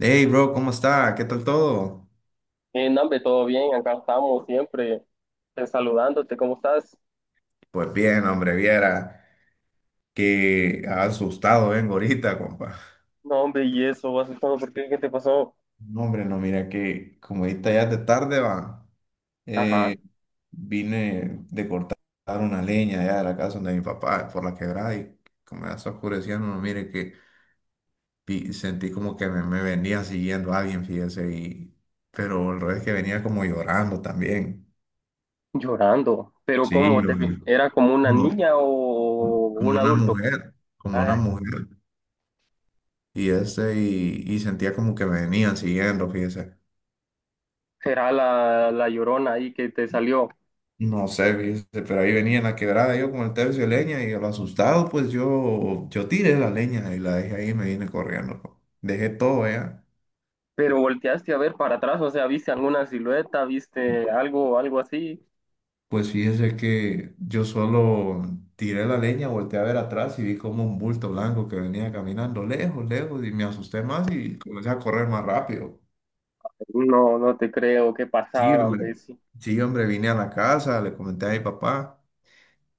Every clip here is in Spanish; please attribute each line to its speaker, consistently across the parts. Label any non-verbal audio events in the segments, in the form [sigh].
Speaker 1: Hey, bro, ¿cómo está? ¿Qué tal todo?
Speaker 2: No, hombre, todo bien, acá estamos siempre saludándote, ¿cómo estás?
Speaker 1: Pues bien, hombre, viera que asustado vengo ahorita, compa.
Speaker 2: No, hombre, y eso, vas todo, ¿por qué? ¿Qué te pasó?
Speaker 1: No, hombre, no, mira que como ahorita ya es de tarde, va.
Speaker 2: Ajá.
Speaker 1: eh, Vine de cortar una leña allá de la casa de mi papá por la quebrada y como ya está oscureciendo, no, mire que sentí como que me venía siguiendo alguien, fíjese, y, pero el revés que venía como llorando también.
Speaker 2: Llorando, pero ¿cómo?
Speaker 1: Sí,
Speaker 2: Te,
Speaker 1: hombre,
Speaker 2: ¿era como una
Speaker 1: como,
Speaker 2: niña o un
Speaker 1: como una
Speaker 2: adulto?
Speaker 1: mujer, como una
Speaker 2: Ah,
Speaker 1: mujer. Y este, y sentía como que me venían siguiendo, fíjese.
Speaker 2: será la, la llorona ahí que te salió.
Speaker 1: No sé, fíjese, pero ahí venía en la quebrada yo con el tercio de leña y a lo asustado, pues yo tiré la leña y la dejé ahí y me vine corriendo. Po. Dejé todo allá.
Speaker 2: Pero volteaste a ver para atrás, o sea, ¿viste alguna silueta? ¿Viste algo, así?
Speaker 1: Pues fíjese que yo solo tiré la leña, volteé a ver atrás y vi como un bulto blanco que venía caminando lejos, lejos y me asusté más y comencé a correr más rápido.
Speaker 2: No, no te creo, qué
Speaker 1: Sí,
Speaker 2: pasada, hombre,
Speaker 1: hombre.
Speaker 2: sí.
Speaker 1: Sí, hombre, vine a la casa, le comenté a mi papá.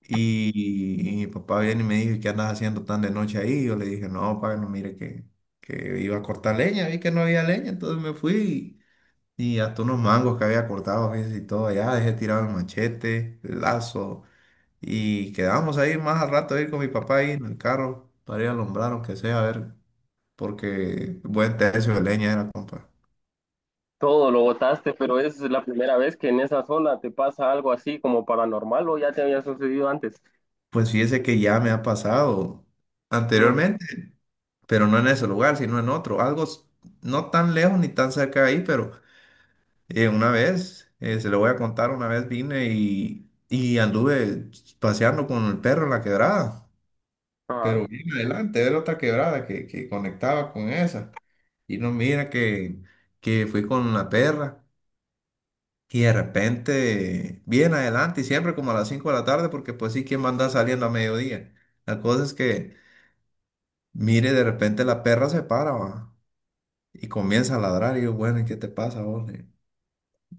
Speaker 1: Y mi papá viene y me dijo, ¿y qué andas haciendo tan de noche ahí? Yo le dije, no, papá, no, mire que iba a cortar leña, vi que no había leña, entonces me fui y hasta unos mangos que había cortado, fíjese, y todo allá, dejé tirado el machete, el lazo, y quedamos ahí más al rato ir con mi papá ahí en el carro para ir a alumbrar, aunque sea, a ver, porque buen tercio de leña era, compa.
Speaker 2: Todo lo botaste, pero es la primera vez que en esa zona te pasa algo así como paranormal, o ya te había sucedido antes.
Speaker 1: Pues fíjese que ya me ha pasado
Speaker 2: No.
Speaker 1: anteriormente, pero no en ese lugar, sino en otro, no tan lejos ni tan cerca de ahí, pero... Una vez, se lo voy a contar, una vez vine y anduve paseando con el perro en la quebrada,
Speaker 2: Ah,
Speaker 1: pero bien adelante, era otra quebrada que conectaba con esa. Y no mira que fui con la perra y de repente, bien adelante, y siempre como a las 5 de la tarde, porque pues sí, ¿quién va a andar saliendo a mediodía? La cosa es que, mire, de repente la perra se para, va, y comienza a ladrar, y yo, bueno, ¿y qué te pasa, vos?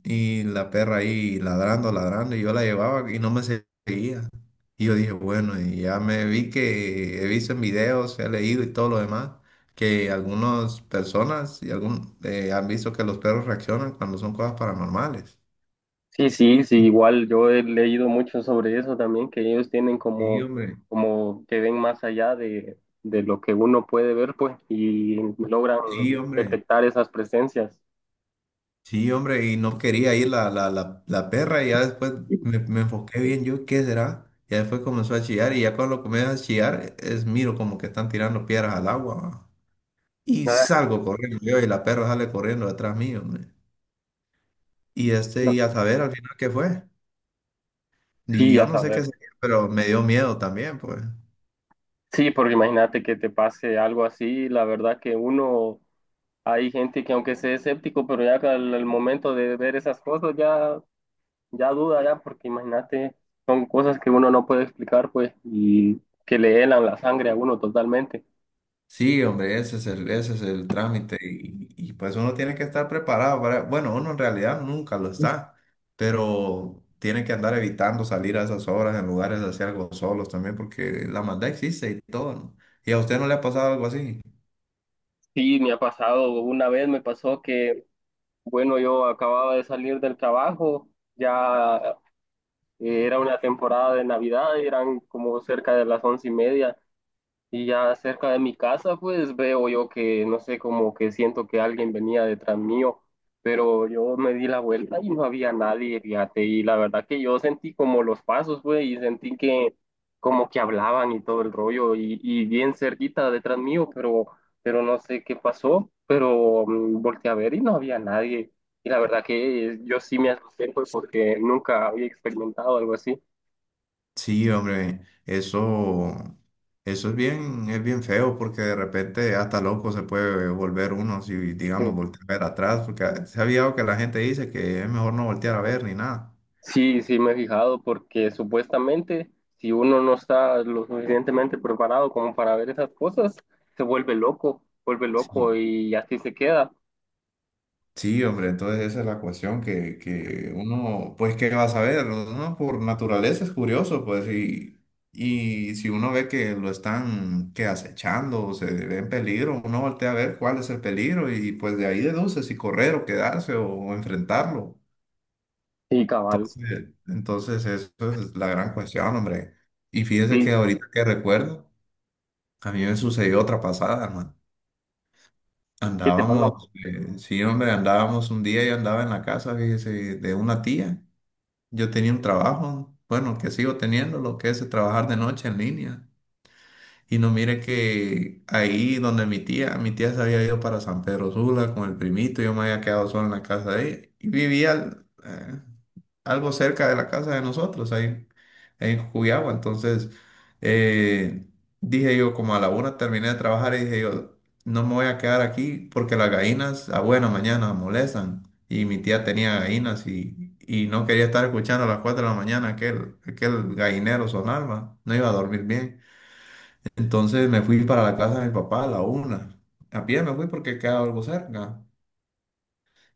Speaker 1: Y la perra ahí ladrando, ladrando, y yo la llevaba y no me seguía. Y yo dije, bueno, y ya me vi que he visto en videos, he leído y todo lo demás, que algunas personas y algún, han visto que los perros reaccionan cuando son cosas paranormales.
Speaker 2: sí, sí, sí, igual yo he leído mucho sobre eso también, que ellos tienen
Speaker 1: Sí,
Speaker 2: como,
Speaker 1: hombre,
Speaker 2: como que ven más allá de lo que uno puede ver, pues, y logran
Speaker 1: sí, hombre,
Speaker 2: detectar esas presencias.
Speaker 1: sí, hombre, y no quería ir la perra y ya después me enfoqué bien yo, ¿qué será? Ya después comenzó a chillar y ya cuando comienza a chillar, es miro como que están tirando piedras al agua. Y
Speaker 2: Ah,
Speaker 1: salgo corriendo yo y la perra sale corriendo detrás mío. Man. Y este,
Speaker 2: no.
Speaker 1: y a saber al final qué fue. Y
Speaker 2: Sí,
Speaker 1: yo
Speaker 2: a
Speaker 1: no sé qué
Speaker 2: saber.
Speaker 1: sería, pero me dio miedo también, pues.
Speaker 2: Sí, porque imagínate que te pase algo así, la verdad que uno, hay gente que aunque sea escéptico, pero ya que al momento de ver esas cosas ya ya duda, ya, porque imagínate, son cosas que uno no puede explicar, pues, y que le helan la sangre a uno totalmente.
Speaker 1: Sí, hombre, ese es el trámite. Y, pues uno tiene que estar preparado para. Bueno, uno en realidad nunca lo está, pero tiene que andar evitando salir a esas horas en lugares así algo solos también, porque la maldad existe y todo, ¿no? ¿Y a usted no le ha pasado algo así?
Speaker 2: Sí, me ha pasado, una vez me pasó que, bueno, yo acababa de salir del trabajo, ya era una temporada de Navidad, eran como cerca de las 11:30. Y ya cerca de mi casa, pues veo yo que, no sé, como que siento que alguien venía detrás mío, pero yo me di la vuelta y no había nadie, fíjate, y la verdad que yo sentí como los pasos, pues, y sentí que como que hablaban y todo el rollo, y bien cerquita detrás mío, pero, no sé qué pasó, pero volteé a ver y no había nadie, y la verdad que yo sí me asusté, pues, porque nunca había experimentado algo así.
Speaker 1: Sí, hombre, eso es bien feo porque de repente hasta loco se puede volver uno si, digamos, voltear a ver atrás, porque se ha visto que la gente dice que es mejor no voltear a ver ni nada.
Speaker 2: Sí, sí, me he fijado porque supuestamente si uno no está lo suficientemente preparado como para ver esas cosas, se vuelve
Speaker 1: Sí,
Speaker 2: loco y así se queda.
Speaker 1: sí, hombre, entonces esa es la cuestión que uno, pues, ¿qué va a saber? Uno por naturaleza es curioso, pues, y si uno ve que lo están, que acechando o se ve en peligro, uno voltea a ver cuál es el peligro y, pues, de ahí deduce si correr o quedarse o enfrentarlo.
Speaker 2: Sí, cabal,
Speaker 1: Entonces eso es la gran cuestión, hombre. Y fíjese
Speaker 2: sí,
Speaker 1: que ahorita que recuerdo, a mí me sucedió otra pasada, hermano.
Speaker 2: ¿qué te pasó?
Speaker 1: Andábamos, sí, hombre, andábamos un día, yo andaba en la casa, fíjese, de una tía. Yo tenía un trabajo, bueno, que sigo teniendo, lo que es trabajar de noche en línea. Y no mire que ahí donde mi tía se había ido para San Pedro Sula con el primito, yo me había quedado solo en la casa de ella y vivía algo cerca de la casa de nosotros, ahí, en Cuyagua. Entonces, eh, dije yo, como a la una terminé de trabajar y dije yo, no me voy a quedar aquí porque las gallinas a buena mañana molestan. Y mi tía tenía gallinas y no quería estar escuchando a las 4 de la mañana aquel, aquel gallinero sonar, va. No iba a dormir bien. Entonces me fui para la casa de mi papá a la una. A pie me fui porque quedaba algo cerca.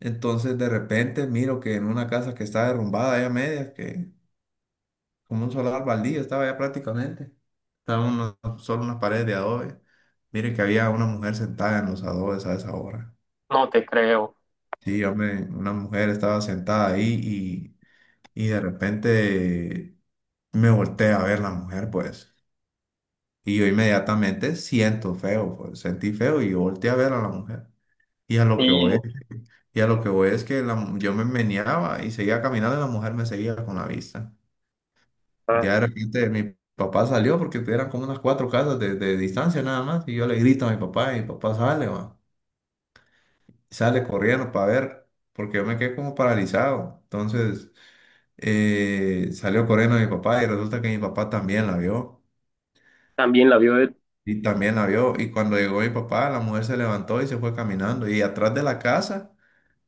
Speaker 1: Entonces de repente miro que en una casa que está derrumbada ya a medias, que como un solar baldío estaba ya prácticamente. Estaban solo unas paredes de adobe. Mire que había una mujer sentada en los adobes a esa hora.
Speaker 2: No te creo.
Speaker 1: Sí, hombre, una mujer estaba sentada ahí y de repente me volteé a ver la mujer, pues. Y yo inmediatamente siento feo, pues. Sentí feo y volteé a ver a la mujer. Y a lo que
Speaker 2: Sí,
Speaker 1: voy, y a lo que voy es que yo me meneaba y seguía caminando y la mujer me seguía con la vista.
Speaker 2: ah,
Speaker 1: Ya de repente mi papá salió porque eran como unas cuatro casas de distancia nada más. Y yo le grito a mi papá y mi papá sale, va. Sale corriendo para ver, porque yo me quedé como paralizado. Entonces salió corriendo mi papá y resulta que mi papá también la vio.
Speaker 2: también la vio
Speaker 1: Y también la vio. Y cuando llegó mi papá, la mujer se levantó y se fue caminando. Y atrás de la casa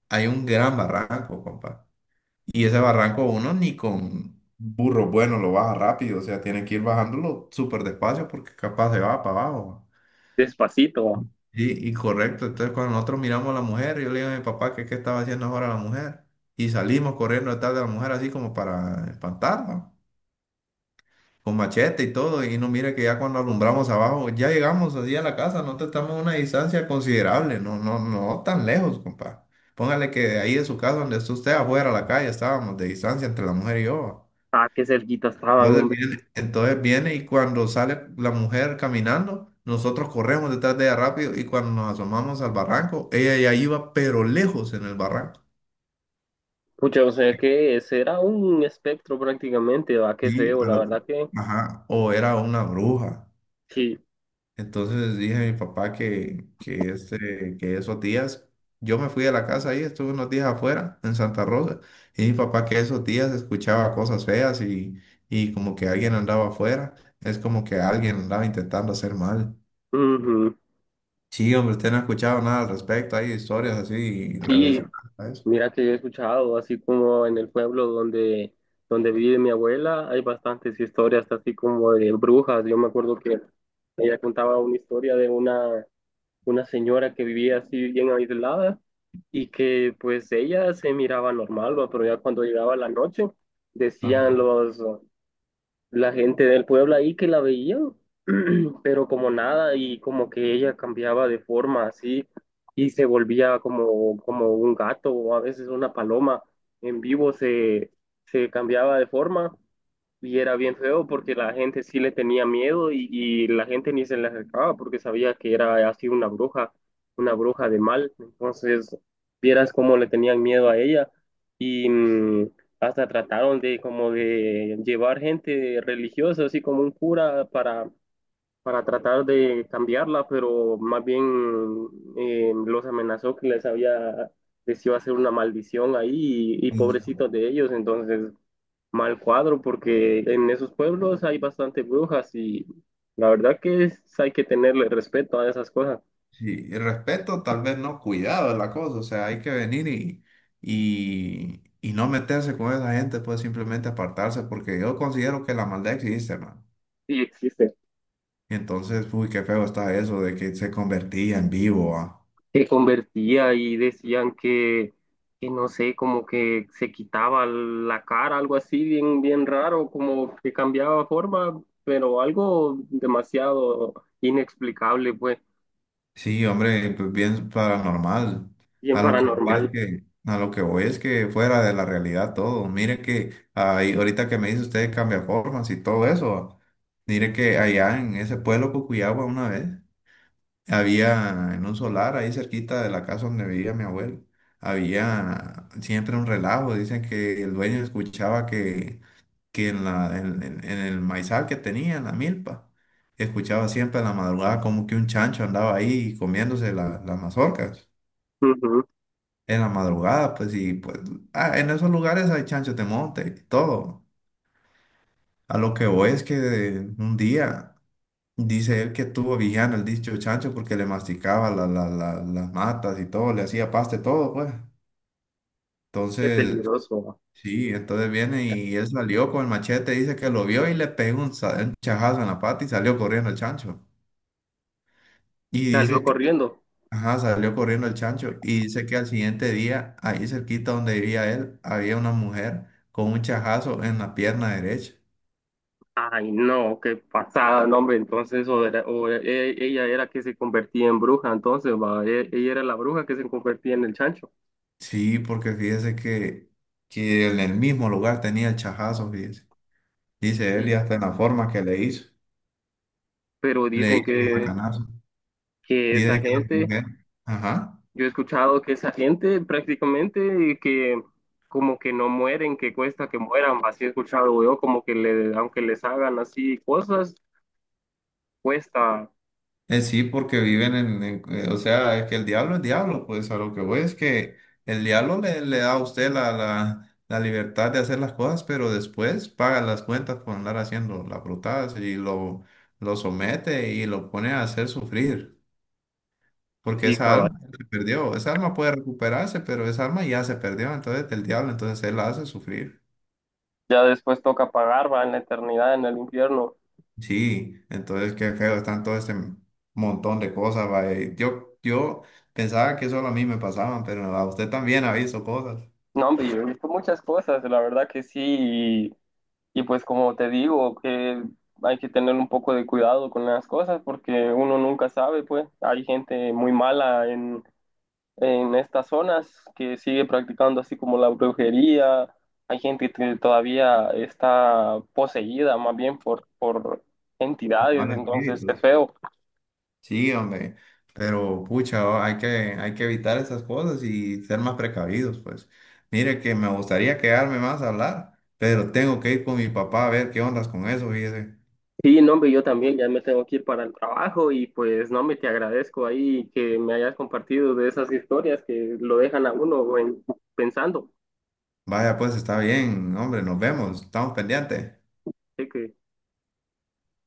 Speaker 1: hay un gran barranco, compa. Y ese barranco uno ni con burro bueno lo baja rápido, o sea, tiene que ir bajándolo súper despacio porque capaz se va para abajo.
Speaker 2: despacito.
Speaker 1: Y correcto, entonces cuando nosotros miramos a la mujer, yo le digo a mi papá que qué estaba haciendo ahora la mujer. Y salimos corriendo detrás de la mujer así como para espantarla, con machete y todo. Y no mire que ya cuando alumbramos abajo, ya llegamos así a la casa, nosotros estamos a una distancia considerable, no, no, no tan lejos, compa. Póngale que de ahí de su casa, donde está usted afuera a la calle, estábamos de distancia entre la mujer y yo.
Speaker 2: Ah, qué cerquita estaban,
Speaker 1: Entonces
Speaker 2: hombre.
Speaker 1: viene, entonces viene y cuando sale la mujer caminando, nosotros corremos detrás de ella rápido y cuando nos asomamos al barranco, ella ya iba pero lejos en el barranco.
Speaker 2: Pucha, o sea que ese era un espectro prácticamente, va, qué
Speaker 1: Y
Speaker 2: feo,
Speaker 1: a
Speaker 2: la
Speaker 1: lo-
Speaker 2: verdad que
Speaker 1: ajá, o era una bruja.
Speaker 2: sí.
Speaker 1: Entonces dije a mi papá que esos días, yo me fui de la casa ahí, estuve unos días afuera en Santa Rosa, y mi papá que esos días escuchaba cosas feas y como que alguien andaba afuera, es como que alguien andaba intentando hacer mal.
Speaker 2: Ujú.
Speaker 1: Sí, hombre, usted no ha escuchado nada al respecto, hay historias así
Speaker 2: Sí,
Speaker 1: relacionadas a eso.
Speaker 2: mira que yo he escuchado, así como en el pueblo donde, vive mi abuela, hay bastantes historias así como de brujas. Yo me acuerdo que ella contaba una historia de una señora que vivía así bien aislada y que pues ella se miraba normal, ¿va? Pero ya cuando llegaba la noche
Speaker 1: Ajá.
Speaker 2: decían la gente del pueblo ahí que la veía, [clears throat] pero como nada y como que ella cambiaba de forma así y se volvía como, un gato o a veces una paloma en vivo se cambiaba de forma y era bien feo porque la gente sí le tenía miedo, y la gente ni se le acercaba porque sabía que era así una bruja de mal. Entonces, vieras cómo le tenían miedo a ella, y hasta trataron de como de llevar gente religiosa, así como un cura para, tratar de cambiarla, pero más bien los amenazó que les iba a hacer una maldición ahí, y
Speaker 1: Hijo,
Speaker 2: pobrecitos de ellos. Entonces mal cuadro porque en esos pueblos hay bastante brujas y la verdad que hay que tenerle respeto a esas cosas.
Speaker 1: sí, y respeto, tal vez no, cuidado es la cosa, o sea, hay que venir y no meterse con esa gente, pues simplemente apartarse, porque yo considero que la maldad existe, man.
Speaker 2: Sí existen.
Speaker 1: Entonces, uy, qué feo está eso de que se convertía en vivo, ah.
Speaker 2: Se convertía y decían que no sé, como que se quitaba la cara, algo así bien, bien raro, como que cambiaba forma, pero algo demasiado inexplicable, pues,
Speaker 1: Sí, hombre, pues bien paranormal.
Speaker 2: bien
Speaker 1: A lo que voy
Speaker 2: paranormal.
Speaker 1: es que, a lo que voy es que fuera de la realidad todo. Mire que ahí, ahorita que me dice usted cambia formas y todo eso. Mire que allá en ese pueblo Cucuyagua una vez había en un solar ahí cerquita de la casa donde vivía mi abuelo. Había siempre un relajo. Dicen que el dueño escuchaba que en el maizal que tenía, en la milpa, escuchaba siempre en la madrugada como que un chancho andaba ahí comiéndose las mazorcas.
Speaker 2: Ujú.
Speaker 1: En la madrugada, pues, y pues, en esos lugares hay chanchos de monte y todo. A lo que voy es que un día dice él que estuvo vigiando el dicho chancho porque le masticaba las matas y todo, le hacía paste todo, pues.
Speaker 2: Qué
Speaker 1: Entonces,
Speaker 2: peligroso.
Speaker 1: Sí, entonces viene y él salió con el machete, dice que lo vio y le pegó un chajazo en la pata y salió corriendo el chancho. Y
Speaker 2: Salió
Speaker 1: dice que,
Speaker 2: corriendo.
Speaker 1: ajá, salió corriendo el chancho y dice que al siguiente día, ahí cerquita donde vivía él, había una mujer con un chajazo en la pierna derecha.
Speaker 2: Ay, no, qué pasada, no, hombre. Entonces, ella era que se convertía en bruja, entonces, va, ella era la bruja que se convertía en el chancho.
Speaker 1: Sí, porque fíjese que en el mismo lugar tenía el chajazo, fíjese. Dice
Speaker 2: Y,
Speaker 1: él y hasta en la forma que
Speaker 2: pero
Speaker 1: le
Speaker 2: dicen
Speaker 1: hizo un
Speaker 2: que,
Speaker 1: macanazo.
Speaker 2: que esa
Speaker 1: Dice que la
Speaker 2: gente,
Speaker 1: mujer, ajá.
Speaker 2: yo he escuchado que esa gente prácticamente que como que no mueren, que cuesta que mueran, va, así he escuchado yo, como que le, aunque les hagan así cosas, cuesta.
Speaker 1: Sí, porque viven o sea, es que el diablo es diablo, pues a lo que voy es que el diablo le da a usted la libertad de hacer las cosas, pero después paga las cuentas por andar haciendo las brutadas y lo somete y lo pone a hacer sufrir, porque
Speaker 2: Sí,
Speaker 1: esa
Speaker 2: cabal.
Speaker 1: alma, Claro, se perdió, esa alma puede recuperarse, pero esa alma ya se perdió, entonces el diablo, entonces él la hace sufrir.
Speaker 2: Ya después toca pagar, va, en la eternidad, en el infierno.
Speaker 1: Sí, entonces qué feo, están todo este montón de cosas, va, yo pensaba que solo a mí me pasaban, pero a usted también ha visto cosas,
Speaker 2: No, hombre, yo he visto muchas cosas, la verdad que sí. Y pues como te digo, que hay que tener un poco de cuidado con las cosas porque uno nunca sabe, pues hay gente muy mala en, estas zonas que sigue practicando así como la brujería, hay gente que todavía está poseída más bien por
Speaker 1: los
Speaker 2: entidades,
Speaker 1: malos
Speaker 2: entonces
Speaker 1: espíritus.
Speaker 2: es feo.
Speaker 1: Sí, hombre, pero pucha, oh, hay que evitar esas cosas y ser más precavidos, pues. Mire que me gustaría quedarme más a hablar, pero tengo que ir con mi papá a ver qué ondas con eso, fíjese.
Speaker 2: Sí, no, hombre, yo también ya me tengo que ir para el trabajo y pues no, me te agradezco ahí que me hayas compartido de esas historias que lo dejan a uno pensando.
Speaker 1: Vaya, pues está bien, hombre, nos vemos, estamos pendientes.
Speaker 2: Sé que